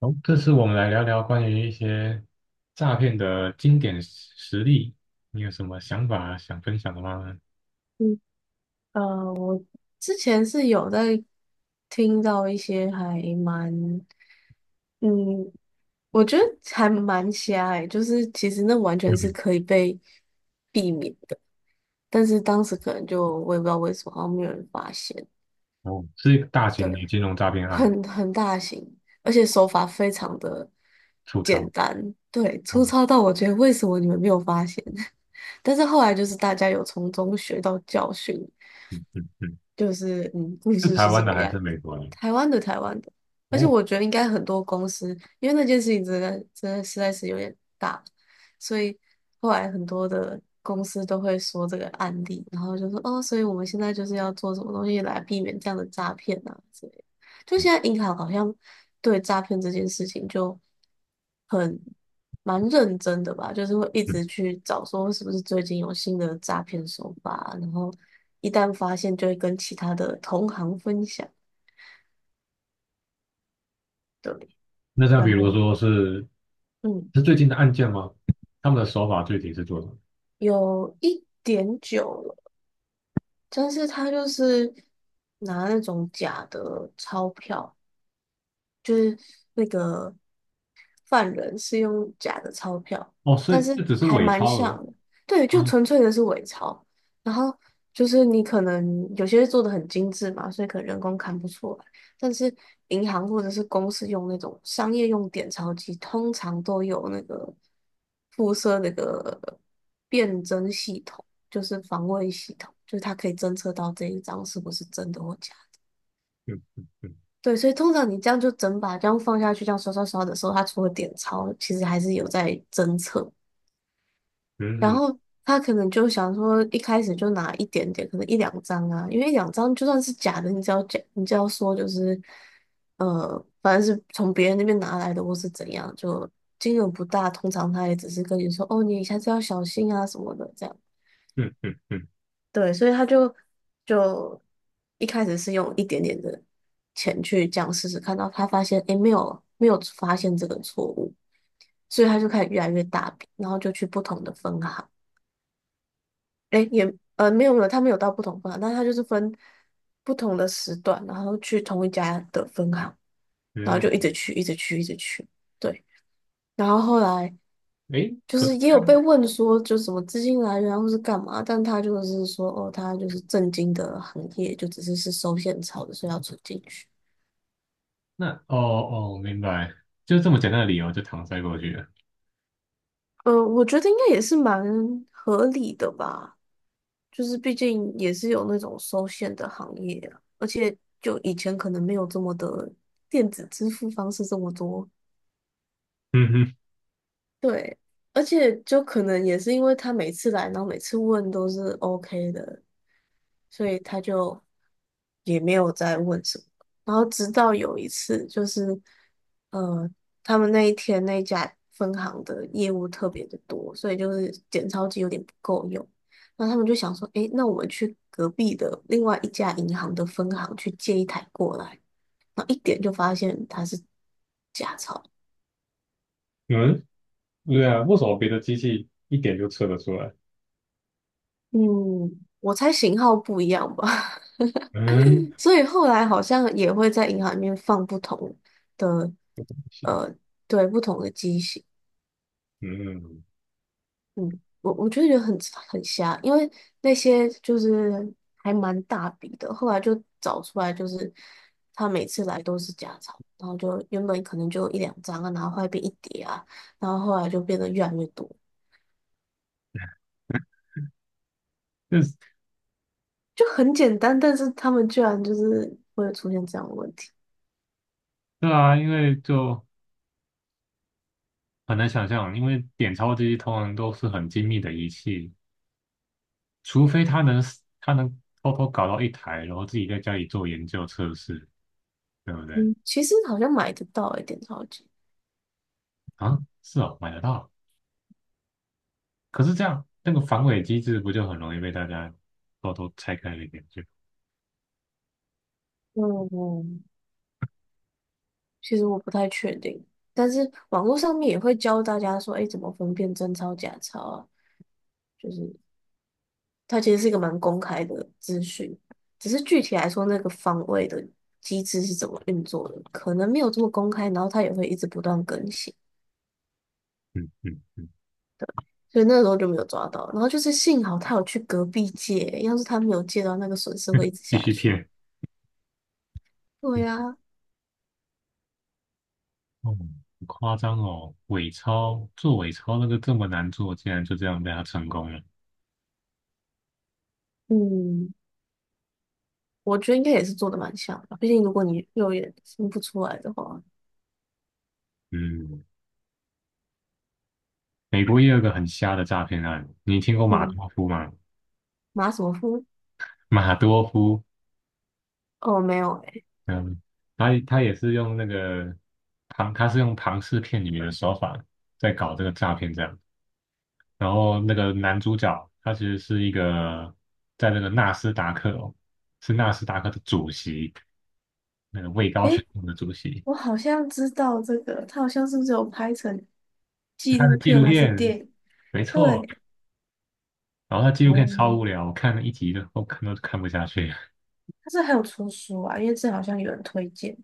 好，这次我们来聊聊关于一些诈骗的经典实例，你有什么想法想分享的吗？嗯，我之前是有在听到一些还蛮，嗯，我觉得还蛮瞎隘，就是其实那完全有是可以被避免的，但是当时可能就我也不知道为什么，好像没有人发现。哦，是一个大型的对，金融诈骗案，很大型，而且手法非常的出简逃单。对，粗哦，糙到我觉得为什么你们没有发现？但是后来就是大家有从中学到教训，嗯嗯嗯，就是故是事台是这湾的个还样是子。美国的？台湾的，台湾的。而且哦，我觉得应该很多公司，因为那件事情真的真的实在是有点大，所以后来很多的公司都会说这个案例，然后就说哦，所以我们现在就是要做什么东西来避免这样的诈骗啊之类的。就现在银行好像对诈骗这件事情就，很，蛮认真的吧，就是会一嗯，直去找说是不是最近有新的诈骗手法，然后一旦发现就会跟其他的同行分享。对，那像比然如后说是嗯，是最近的案件吗？他们的手法具体是做什么？有一点久了，但是他就是拿那种假的钞票，就是那个犯人是用假的钞票，哦，所但以是这只是还伪蛮钞额像的。对，就啊，纯粹的是伪钞。然后就是你可能有些做的很精致嘛，所以可能人工看不出来。但是银行或者是公司用那种商业用点钞机，通常都有那个附设那个辨真系统，就是防伪系统，就是它可以侦测到这一张是不是真的或假。嗯嗯嗯对，所以通常你这样就整把这样放下去，这样刷刷刷的时候，他除了点钞，其实还是有在侦测。然嗯后他可能就想说，一开始就拿一点点，可能一两张啊，因为一两张就算是假的，你只要假，你只要说就是，反正是从别人那边拿来的，或是怎样，就金额不大。通常他也只是跟你说，哦，你下次要小心啊什么的，这样。嗯嗯嗯对，所以他就一开始是用一点点的钱去这样试试看，到他发现诶没有发现这个错误，所以他就开始越来越大笔，然后就去不同的分行。诶，也没有，他没有到不同分行，但他就是分不同的时段，然后去同一家的分行，然后就一直嗯，去一直去一直去。对，然后后来。哎，就可是是也这有被样。问说，就什么资金来源啊或是干嘛，但他就是说，哦，他就是正经的行业，就只是收现钞的，所以要存进去。那哦哦，明白，就这么简单的理由就搪塞过去了。我觉得应该也是蛮合理的吧，就是毕竟也是有那种收现的行业啊，而且就以前可能没有这么的电子支付方式这么多。嗯哼，对，而且就可能也是因为他每次来，然后每次问都是 OK 的，所以他就，也没有再问什么。然后直到有一次，就是呃，他们那一天那一家分行的业务特别的多，所以就是检钞机有点不够用。那他们就想说，诶，那我们去隔壁的另外一家银行的分行去借一台过来。然后一点就发现它是假钞。嗯，对啊，为什么别的机器一点就测得出来？嗯，我猜型号不一样吧。嗯 所以后来好像也会在银行里面放不同的，呃，对，不同的机型。嗯，嗯，我就觉得很瞎，因为那些就是还蛮大笔的，后来就找出来，就是他每次来都是假钞。然后就原本可能就一两张啊，然后后来变一叠啊，然后后来就变得越来越多，就是就很简单，但是他们居然就是会有出现这样的问题。对啊，因为就很难想象，因为点钞机通常都是很精密的仪器，除非他能他能偷偷搞到一台，然后自己在家里做研究测试，对不对？嗯，其实好像买得到一点钞机。啊，是哦，买得到。可是这样那个防伪机制不就很容易被大家偷偷拆开了一点？就嗯，其实我不太确定，但是网络上面也会教大家说，哎，怎么分辨真钞假钞啊。就是。它其实是一个蛮公开的资讯，只是具体来说，那个防卫的机制是怎么运作的，可能没有这么公开，然后它也会一直不断更新，嗯嗯，所以那时候就没有抓到。然后就是幸好他有去隔壁借，要是他没有借到，那个损失会一直继下续去。骗。对呀。哦，好夸张哦！伪钞做伪钞那个这么难做，竟然就这样被他成功了。嗯，我觉得应该也是做的蛮像的，毕竟如果你肉眼分不出来的话。嗯，美国也有个很瞎的诈骗案，你听过马嗯，多夫吗？马什么夫？马多夫，哦，没有。嗯，他也是用那个庞，他是用庞氏骗女的手法在搞这个诈骗，这样。然后那个男主角他其实是一个在那个纳斯达克哦，是纳斯达克的主席，那个位高诶，权诶，重的主席。我好像知道这个，他好像是不是有拍成纪他的录纪片录还是片，电影？没错，对。然后他纪录片哦，超无聊，我看了一集就我看都看不下去。他是还有出书啊，因为这好像有人推荐，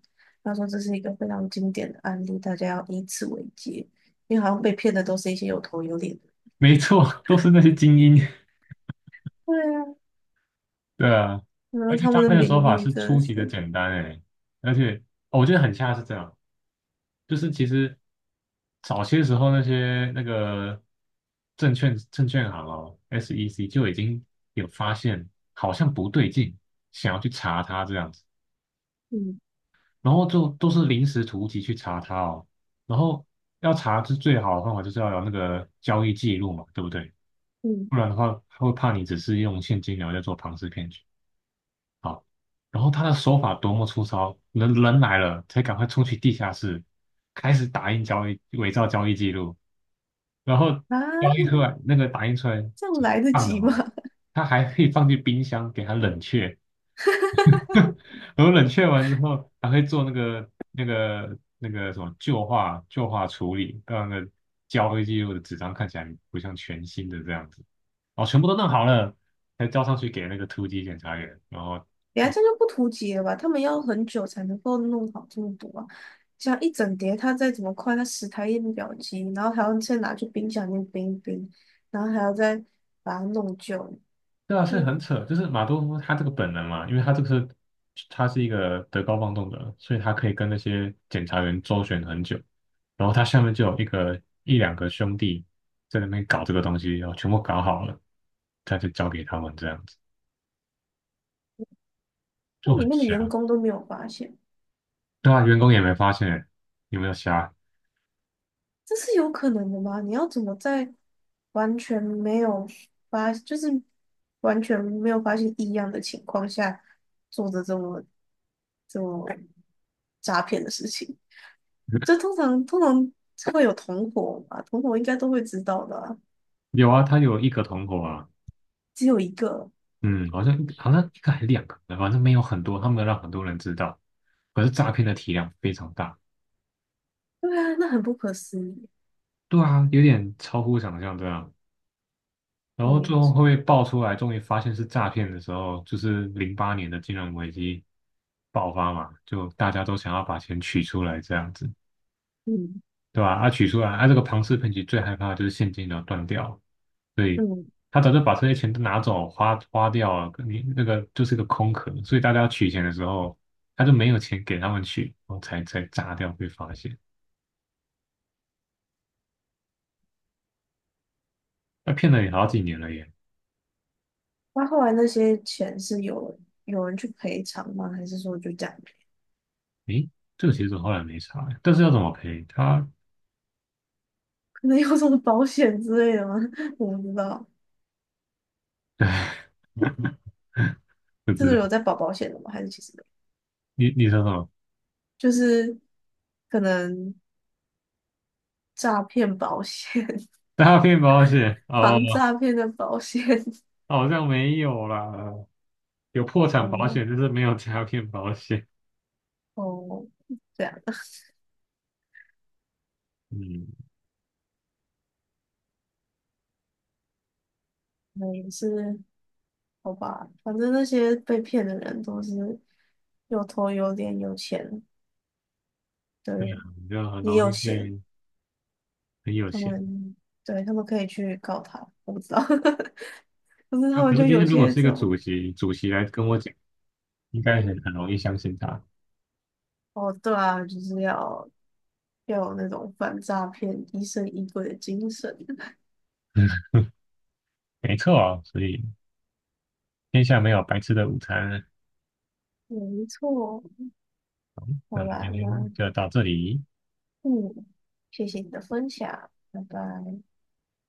他说这是一个非常经典的案例，大家要以此为戒，因为好像被骗的都是一些有头有脸的。没错，都是那些精英。对啊，对啊，然后而且他诈们的骗的手名法誉是真的出奇的是，简单诶，而且、哦我觉得很像是这样，就是其实早些时候那些那个证券行哦，SEC 就已经有发现好像不对劲，想要去查他这样子，嗯然后就都是临时突击去查他哦，然后要查是最好的方法就是要有那个交易记录嘛，对不对？嗯，不然的话，他会怕你只是用现金流在做庞氏骗局。然后他的手法多么粗糙，人来了才赶快冲去地下室，开始打印交易，伪造交易记录，然后交易啊，出来那个打印出来这样来得放的及吗？嘛，他还可以放进冰箱给它冷却，然后冷却完之后，还会做那个什么旧化处理，让那个交易记录的纸张看起来不像全新的这样子。哦，全部都弄好了，才交上去给那个突击检查员。然后，等下这样就不图解了吧？他们要很久才能够弄好这么多啊，这样一整叠，他再怎么快，他10台印表机，然后还要再拿去冰箱里面冰一冰，然后还要再把它弄旧。对啊，所以就很扯，就是马多夫他这个本能嘛，因为他这个是他是一个德高望重的人所以他可以跟那些检查员周旋很久。然后他下面就有一个一两个兄弟在那边搞这个东西，然后全部搞好了，他就交给他们这样子。就那里很面的员瞎。工都没有发现，对啊，员工也没发现欸，有没有瞎？这是有可能的吗？你要怎么在完全没有发，就是完全没有发现异样的情况下，做着这么诈骗的事情？这通常会有同伙嘛，同伙应该都会知道的啊有啊，他有一个同伙啊，只有一个。嗯，好像一个好像一个还两个，反正没有很多，他没有让很多人知道。可是诈骗的体量非常大，对啊，那很不可思议。对啊，有点超乎想象，这样。然后最后嗯会被爆出来，终于发现是诈骗的时候，就是零八年的金融危机爆发嘛，就大家都想要把钱取出来这样子，嗯对吧？啊，取出来，啊，这个庞氏骗局最害怕的就是现金流断掉，对，嗯，他早就把这些钱都拿走花花掉了，你那个就是个空壳，所以大家要取钱的时候，他就没有钱给他们取，然后才炸掉被发现。他骗了你好几年了耶！那后来那些钱是有人去赔偿吗？还是说就这样？诶，这个其实我后来没查，但是要怎么赔他 可能有什么保险之类的吗？我不知道。不这知个道。有在保保险的吗？还是其实没有你说什么？就是可能诈骗保险、诈骗保险？哦，防诈骗的保险。好像没有啦，有破 产保哦，险，但是没有诈骗保险。哦，这样，嗯，那也是好吧。反正那些被骗的人都是有头有脸、有钱的人，你就很也容有易闲。被很有他钱。们。对，他们可以去告他。我不知道，可是那、他们可是就今有天如果些是一这个种。主席，主席来跟我讲。应该很容易相信他。哦，对啊，就是要有那种反诈骗疑神疑鬼的精神。没错，所以天下没有白吃的午餐。没错，那好我们啦，今天那就到这里。嗯，谢谢你的分享，拜拜。